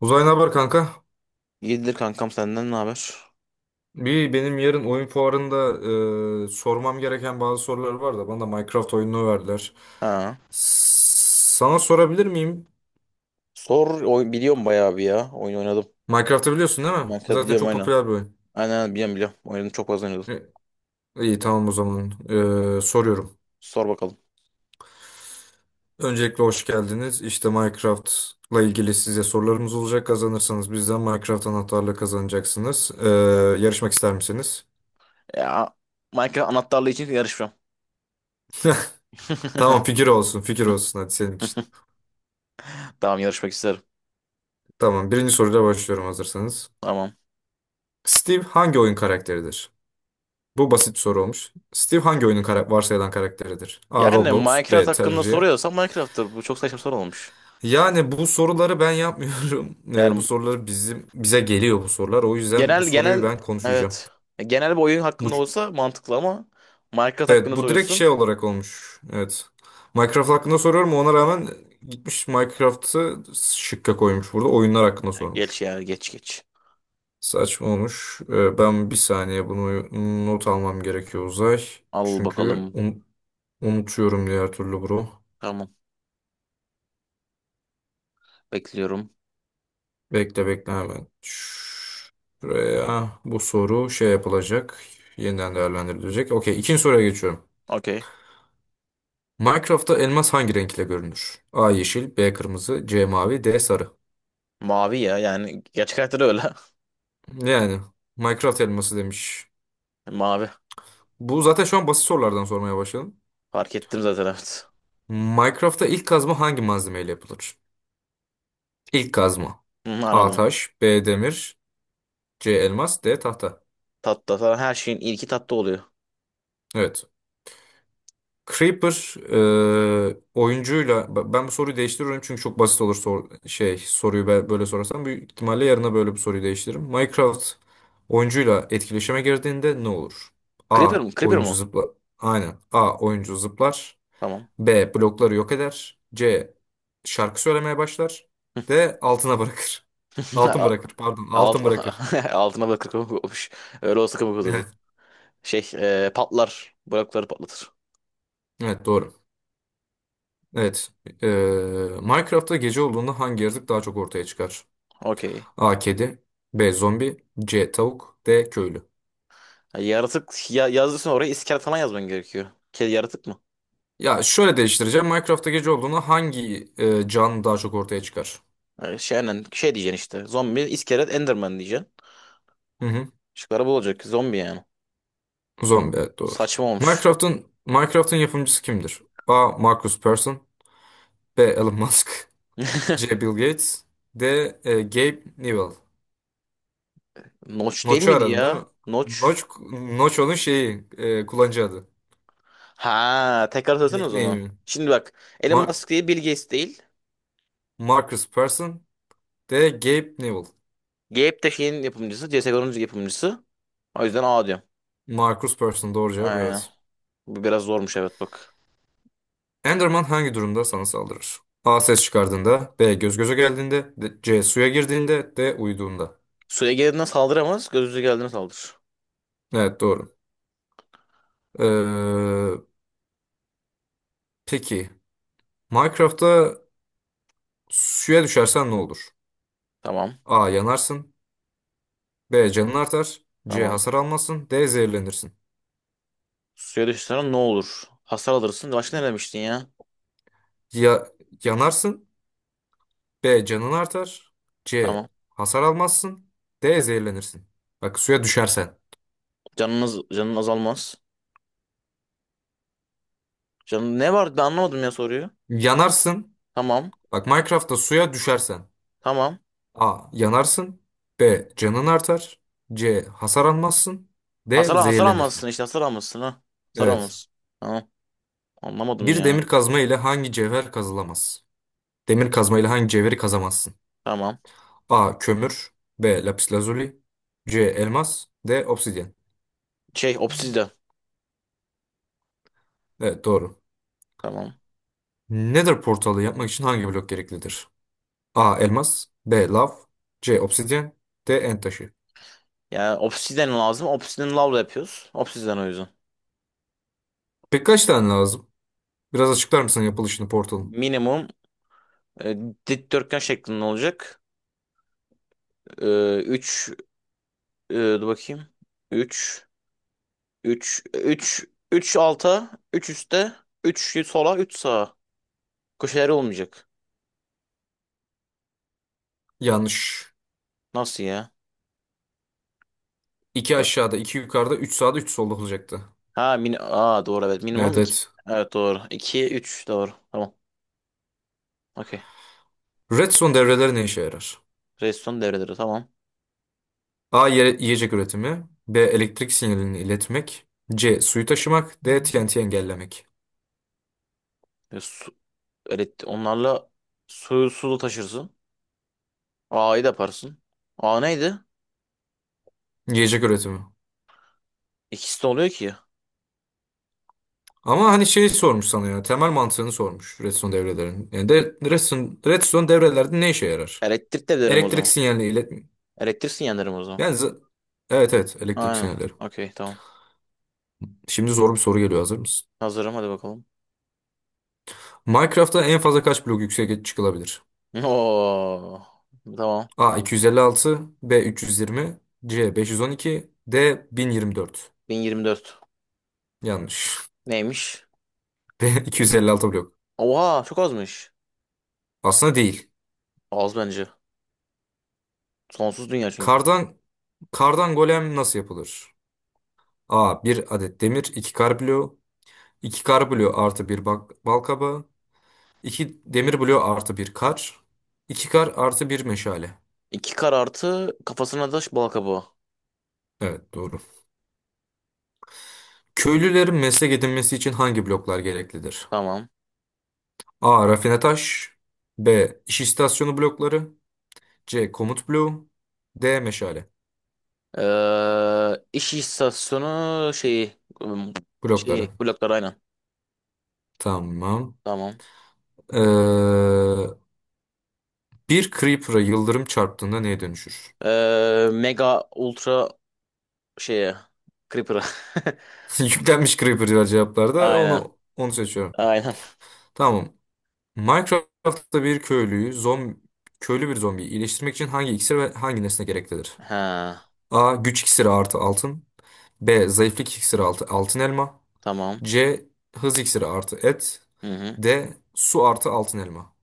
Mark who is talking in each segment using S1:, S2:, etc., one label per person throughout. S1: Uzay ne haber kanka?
S2: İyidir kankam, senden ne haber?
S1: Bir benim yarın oyun fuarında sormam gereken bazı sorular var da bana da Minecraft oyununu verdiler.
S2: Ha.
S1: Sana sorabilir miyim?
S2: Sor oy, biliyorum bayağı bir ya. Oyun oynadım.
S1: Minecraft'ı biliyorsun değil mi?
S2: Minecraft
S1: Zaten
S2: biliyorum,
S1: çok
S2: aynen.
S1: popüler bir oyun.
S2: Aynen aynen, biliyorum biliyorum. Oynadım, çok fazla oynadım.
S1: E, İyi, tamam o zaman. Soruyorum.
S2: Sor bakalım.
S1: Öncelikle hoş geldiniz. İşte Minecraft'la ilgili size sorularımız olacak. Kazanırsanız bizden Minecraft anahtarlığı kazanacaksınız. Yarışmak ister misiniz?
S2: Ya, Minecraft anahtarlığı için yarışmam.
S1: Tamam, fikir olsun fikir olsun, hadi senin için.
S2: Tamam, yarışmak isterim.
S1: Tamam, birinci soruyla başlıyorum hazırsanız.
S2: Tamam.
S1: Steve hangi oyun karakteridir? Bu basit bir soru olmuş. Steve hangi oyunun varsayılan karakteridir? A.
S2: Yani
S1: Roblox.
S2: Minecraft
S1: B.
S2: hakkında
S1: Terraria.
S2: soruyorsan Minecraft'tır. Bu çok saçma soru olmuş.
S1: Yani bu soruları ben yapmıyorum. Bu
S2: Yani
S1: soruları bizim bize geliyor bu sorular. O yüzden bu
S2: genel
S1: soruyu
S2: genel,
S1: ben konuşacağım.
S2: evet. Genel bir oyun
S1: Bu,
S2: hakkında olsa mantıklı ama Minecraft hakkında
S1: evet bu direkt
S2: soruyorsun.
S1: şey olarak olmuş. Evet. Minecraft hakkında soruyorum. Ona rağmen gitmiş Minecraft'ı şıkka koymuş burada. Oyunlar hakkında
S2: Ya geç,
S1: sormuş.
S2: ya geç geç.
S1: Saçma olmuş. Ben bir saniye bunu not almam gerekiyor Uzay.
S2: Al
S1: Çünkü
S2: bakalım.
S1: unutuyorum diğer türlü bro.
S2: Tamam. Bekliyorum.
S1: Bekle bekle hemen. Şuraya bu soru şey yapılacak. Yeniden değerlendirilecek. Okey, ikinci soruya geçiyorum.
S2: Okey.
S1: Minecraft'ta elmas hangi renkle görünür? A yeşil, B kırmızı, C mavi, D sarı.
S2: Mavi ya, yani gerçek hayatta da öyle.
S1: Yani Minecraft elması demiş.
S2: Mavi.
S1: Bu zaten şu an basit sorulardan sormaya başladım.
S2: Fark ettim zaten, evet.
S1: Minecraft'ta ilk kazma hangi malzemeyle yapılır? İlk kazma.
S2: Hı,
S1: A
S2: anladım.
S1: taş, B demir, C elmas, D tahta.
S2: Tatlı. Zaten her şeyin ilki tatlı oluyor.
S1: Evet. Creeper oyuncuyla ben bu soruyu değiştiriyorum çünkü çok basit olur şey soruyu ben böyle sorarsam büyük ihtimalle yarına böyle bir soruyu değiştiririm. Minecraft oyuncuyla etkileşime girdiğinde ne olur? A.
S2: Creeper mi? Creeper mu?
S1: Oyuncu zıplar. Aynen. A. Oyuncu zıplar.
S2: Tamam.
S1: B. Blokları yok eder. C. Şarkı söylemeye başlar. D. Altına bırakır. Altın bırakır. Pardon.
S2: Alt,
S1: Altın bırakır.
S2: altına da kırkımık olmuş. Öyle olsa kırkımık olurdu.
S1: Evet.
S2: Patlar. Blokları patlatır.
S1: Evet, doğru. Evet. E, Minecraft'ta gece olduğunda hangi yaratık daha çok ortaya çıkar?
S2: Okey.
S1: A. Kedi. B. Zombi. C. Tavuk. D. Köylü.
S2: Yaratık ya, yazdıysan oraya iskelet falan yazman gerekiyor. Kedi yaratık mı?
S1: Ya şöyle değiştireceğim. Minecraft'ta gece olduğunda hangi can daha çok ortaya çıkar?
S2: Şey, aynen, şey diyeceksin işte. Zombi, iskelet, enderman diyeceksin.
S1: Hı hı.
S2: Şıkları bu olacak. Zombi yani.
S1: Zombi, evet
S2: Bu
S1: doğru.
S2: saçma olmuş.
S1: Minecraft'ın yapımcısı kimdir? A. Marcus Persson. B. Elon Musk. C. Bill Gates. D. Gabe Newell.
S2: Notch değil
S1: Notch'u
S2: miydi
S1: aradın değil mi?
S2: ya? Notch.
S1: Notch, Notch, onun şeyi, kullanıcı adı.
S2: Ha, tekrar hatırlasana o zaman.
S1: Nickname'i.
S2: Şimdi bak, Elon
S1: Ma-
S2: Musk değil, Bill Gates değil.
S1: Marcus Persson. D. Gabe Newell.
S2: Gap de şeyin yapımcısı. CSGO'nun yapımcısı. O yüzden A diyorum.
S1: Marcus Persson doğru cevap,
S2: Aynen.
S1: evet.
S2: Bu biraz zormuş, evet, bak.
S1: Enderman hangi durumda sana saldırır? A. Ses çıkardığında. B. Göz göze geldiğinde. C. Suya girdiğinde. D. Uyuduğunda.
S2: Suya geldiğinde saldıramaz. Gözünüze geldiğinde saldır.
S1: Evet doğru. Ee, peki. Minecraft'ta suya düşersen ne olur?
S2: Tamam.
S1: A. Yanarsın. B. Canın artar. C.
S2: Tamam.
S1: Hasar almazsın. D. Zehirlenirsin.
S2: Suya düşsen ne olur? Hasar alırsın. Başka ne demiştin ya?
S1: Ya yanarsın. B. Canın artar. C.
S2: Tamam.
S1: Hasar almazsın. D. Zehirlenirsin. Bak, suya düşersen.
S2: Canın azalmaz. Canın ne var? Ben anlamadım ya soruyu.
S1: Yanarsın.
S2: Tamam.
S1: Bak, Minecraft'ta suya düşersen.
S2: Tamam.
S1: A. Yanarsın. B. Canın artar. C. Hasar almazsın. D.
S2: Hasar
S1: Zehirlenirsin.
S2: almazsın işte. Hasar almazsın, ha. Hasar
S1: Evet.
S2: almazsın. Tamam. Anlamadım
S1: Bir
S2: ya.
S1: demir kazma ile hangi cevher kazılamaz? Demir kazma ile hangi cevheri kazamazsın?
S2: Tamam.
S1: A. Kömür. B. Lapis lazuli. C. Elmas. D. Obsidyen.
S2: Şey obsidian.
S1: Evet doğru.
S2: Tamam.
S1: Nether portalı yapmak için hangi blok gereklidir? A. Elmas. B. Lav. C. Obsidyen. D. End taşı.
S2: Yani obsidian lazım. Obsidian lavla yapıyoruz. Obsidian o yüzden.
S1: Peki kaç tane lazım? Biraz açıklar mısın yapılışını portalın?
S2: Minimum e, dikdörtgen şeklinde olacak. 3, dur bakayım. 3 3 3 3 alta, 3 üstte, üç sola, üç sağa. Köşeleri olmayacak.
S1: Yanlış.
S2: Nasıl ya?
S1: 2 aşağıda, 2 yukarıda, 3 sağda, 3 solda olacaktı.
S2: Ha, Aa, doğru, evet. Minimum
S1: Evet,
S2: iki.
S1: evet.
S2: Evet doğru. 2 üç, doğru. Tamam. Okey.
S1: Redstone devreleri ne işe yarar?
S2: Redstone devreleri, tamam.
S1: A. Yiyecek üretimi. B. Elektrik sinyalini iletmek. C. Suyu taşımak. D. TNT engellemek.
S2: Su, evet, onlarla suyu sulu taşırsın. A'yı da yaparsın. A neydi?
S1: Yiyecek üretimi.
S2: İkisi de oluyor ki.
S1: Ama hani şeyi sormuş sana ya. Temel mantığını sormuş Redstone devrelerin. Yani de, Redstone devrelerde ne işe yarar?
S2: Elektrik de derim o
S1: Elektrik
S2: zaman.
S1: sinyalini iletmek.
S2: Elektriksin, yanarım o zaman.
S1: Yani evet, evet, elektrik
S2: Aynen.
S1: sinyalleri.
S2: Okey, tamam.
S1: Şimdi zor bir soru geliyor, hazır mısın?
S2: Hazırım, hadi bakalım.
S1: Minecraft'ta en fazla kaç blok yükseğe çıkılabilir?
S2: Oo. Tamam.
S1: A.
S2: Tamam.
S1: 256. B. 320, C. 512, D. 1024.
S2: 1.024.
S1: Yanlış.
S2: Neymiş?
S1: De 256 blok.
S2: Oha, çok azmış.
S1: Aslında değil.
S2: Az bence. Sonsuz dünya çünkü.
S1: Kardan kardan golem nasıl yapılır? A. Bir adet demir, 2 kar bloğu, 2 kar bloğu artı bir bal kabağı, 2 demir bloğu artı bir kar, 2 kar artı bir meşale.
S2: İki kar artı kafasına da bal kabuğu.
S1: Evet doğru. Köylülerin meslek edinmesi için hangi bloklar gereklidir?
S2: Tamam.
S1: A. Rafine taş, B. İş istasyonu blokları, C. Komut bloğu, D. Meşale
S2: İş istasyonu şeyi,
S1: blokları.
S2: şeyi bloklar, aynen.
S1: Tamam.
S2: Tamam.
S1: Ee, bir Creeper'a yıldırım çarptığında neye dönüşür?
S2: Mega ultra şeye, Creeper'a.
S1: Yüklenmiş Creeper var cevaplarda.
S2: Aynen.
S1: Onu seçiyorum.
S2: Aynen.
S1: Tamam. Minecraft'ta bir köylüyü zombi köylü bir zombiyi iyileştirmek için hangi iksir ve hangi nesne gereklidir?
S2: Ha.
S1: A. Güç iksiri artı altın. B. Zayıflık iksiri artı altın elma.
S2: Tamam.
S1: C. Hız iksiri artı et.
S2: Hı hı.
S1: D. Su artı altın elma.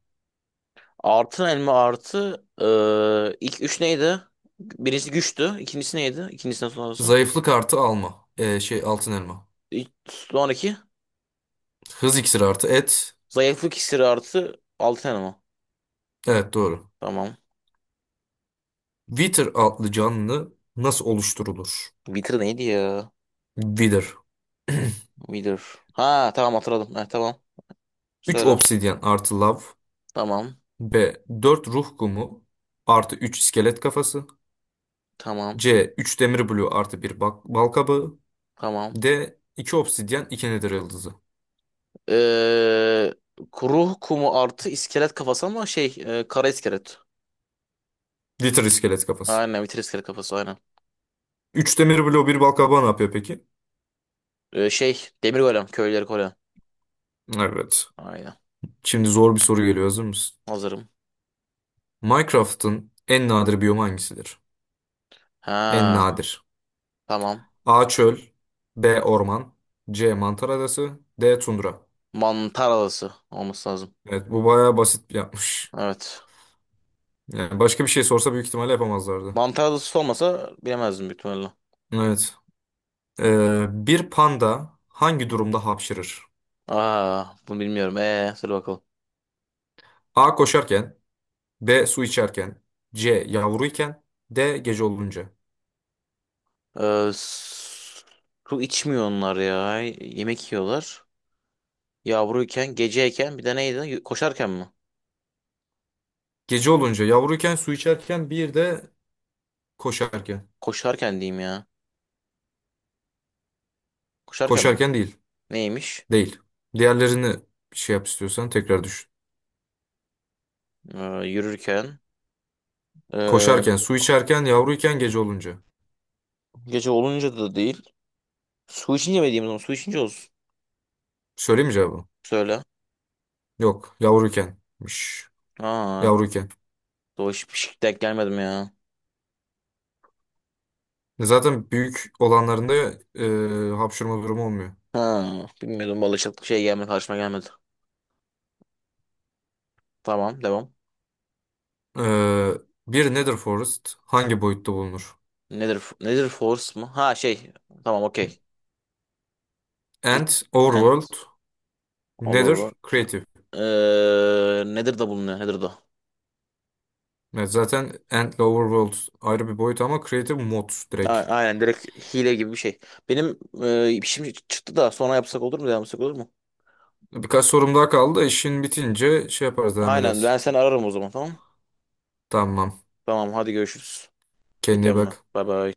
S2: Artı elma artı ilk üç neydi? Birincisi güçtü. İkincisi neydi? İkincisinden sonrası.
S1: Zayıflık artı alma. Altın elma.
S2: Sonraki,
S1: Hız iksiri artı et.
S2: zayıflık iksiri artı altın elma.
S1: Evet doğru.
S2: Tamam.
S1: Wither adlı canlı nasıl oluşturulur?
S2: Wither neydi ya?
S1: Wither.
S2: Wither. Ha, tamam, hatırladım. Heh, tamam.
S1: 3
S2: Söyle.
S1: obsidyen artı lav.
S2: Tamam.
S1: B. 4 ruh kumu artı 3 iskelet kafası.
S2: Tamam.
S1: C. üç demir bloğu artı bir bal kabağı.
S2: Tamam.
S1: D. 2 obsidyen 2 nedir yıldızı.
S2: Eee Ruh kumu artı iskelet kafası, ama şey kara iskelet.
S1: Litter iskelet kafası.
S2: Aynen, Wither iskelet kafası, aynen.
S1: 3 demir bloğu bir bal kabağı ne yapıyor peki?
S2: Şey demir golem, köyleri golem.
S1: Evet.
S2: Aynen.
S1: Şimdi zor bir soru geliyor, hazır mısın?
S2: Hazırım.
S1: Minecraft'ın en nadir biyomu hangisidir? En
S2: Ha,
S1: nadir.
S2: tamam.
S1: A. Çöl. B. Orman. C. Mantar adası. D. Tundra.
S2: Mantar adası olması lazım.
S1: Evet, bu bayağı basit yapmış.
S2: Evet.
S1: Yani başka bir şey sorsa büyük ihtimalle yapamazlardı.
S2: Mantar adası olmasa bilemezdim, büyük ihtimalle.
S1: Evet. Bir panda hangi durumda hapşırır?
S2: Aa, bunu bilmiyorum. Söyle bakalım.
S1: A. Koşarken. B. Su içerken. C. Yavruyken. D. Gece olunca.
S2: Ee, s- Su içmiyor onlar ya. Yemek yiyorlar. Yavruyken, geceyken bir de neydi? Koşarken mi?
S1: Gece olunca, yavruyken, su içerken bir de koşarken.
S2: Koşarken diyeyim ya. Koşarken mi?
S1: Koşarken değil.
S2: Neymiş?
S1: Değil. Diğerlerini şey yap, istiyorsan tekrar düşün.
S2: Ee, Yürürken. Ee,
S1: Koşarken, su
S2: ko-
S1: içerken, yavruyken, gece olunca.
S2: Gece olunca da değil. Su içince mi diyeyim o zaman? Su içince olsun.
S1: Söyleyeyim mi cevabı?
S2: Söyle.
S1: Yok. Yavruykenmiş.
S2: Aa,
S1: Yavruyken.
S2: doğru, hiç denk gelmedim ya.
S1: Zaten büyük olanlarında hapşırma durumu olmuyor.
S2: Ha, bilmiyordum, balıkçılık şey gelmedi, karşıma gelmedi. Tamam, devam.
S1: Ee, bir Nether Forest hangi boyutta bulunur?
S2: Nedir nedir, force mu? Ha, şey, tamam, okey. It
S1: Ant,
S2: and
S1: Overworld, Nether,
S2: overworld.
S1: Creative.
S2: Nedir da bulunuyor, nedir da?
S1: Evet, zaten Ant ile Overworld ayrı bir boyut, ama Creative mod direkt.
S2: Aynen, direkt hile gibi bir şey. Benim şimdi çıktı da, sonra yapsak olur mu? Devam etsek olur mu?
S1: Birkaç sorum daha kaldı. İşin bitince şey yaparız, devam
S2: Aynen,
S1: ederiz.
S2: ben seni ararım o zaman, tamam.
S1: Tamam.
S2: Tamam, hadi görüşürüz.
S1: Kendine iyi
S2: Geliyorum ben.
S1: bak.
S2: Bay bay.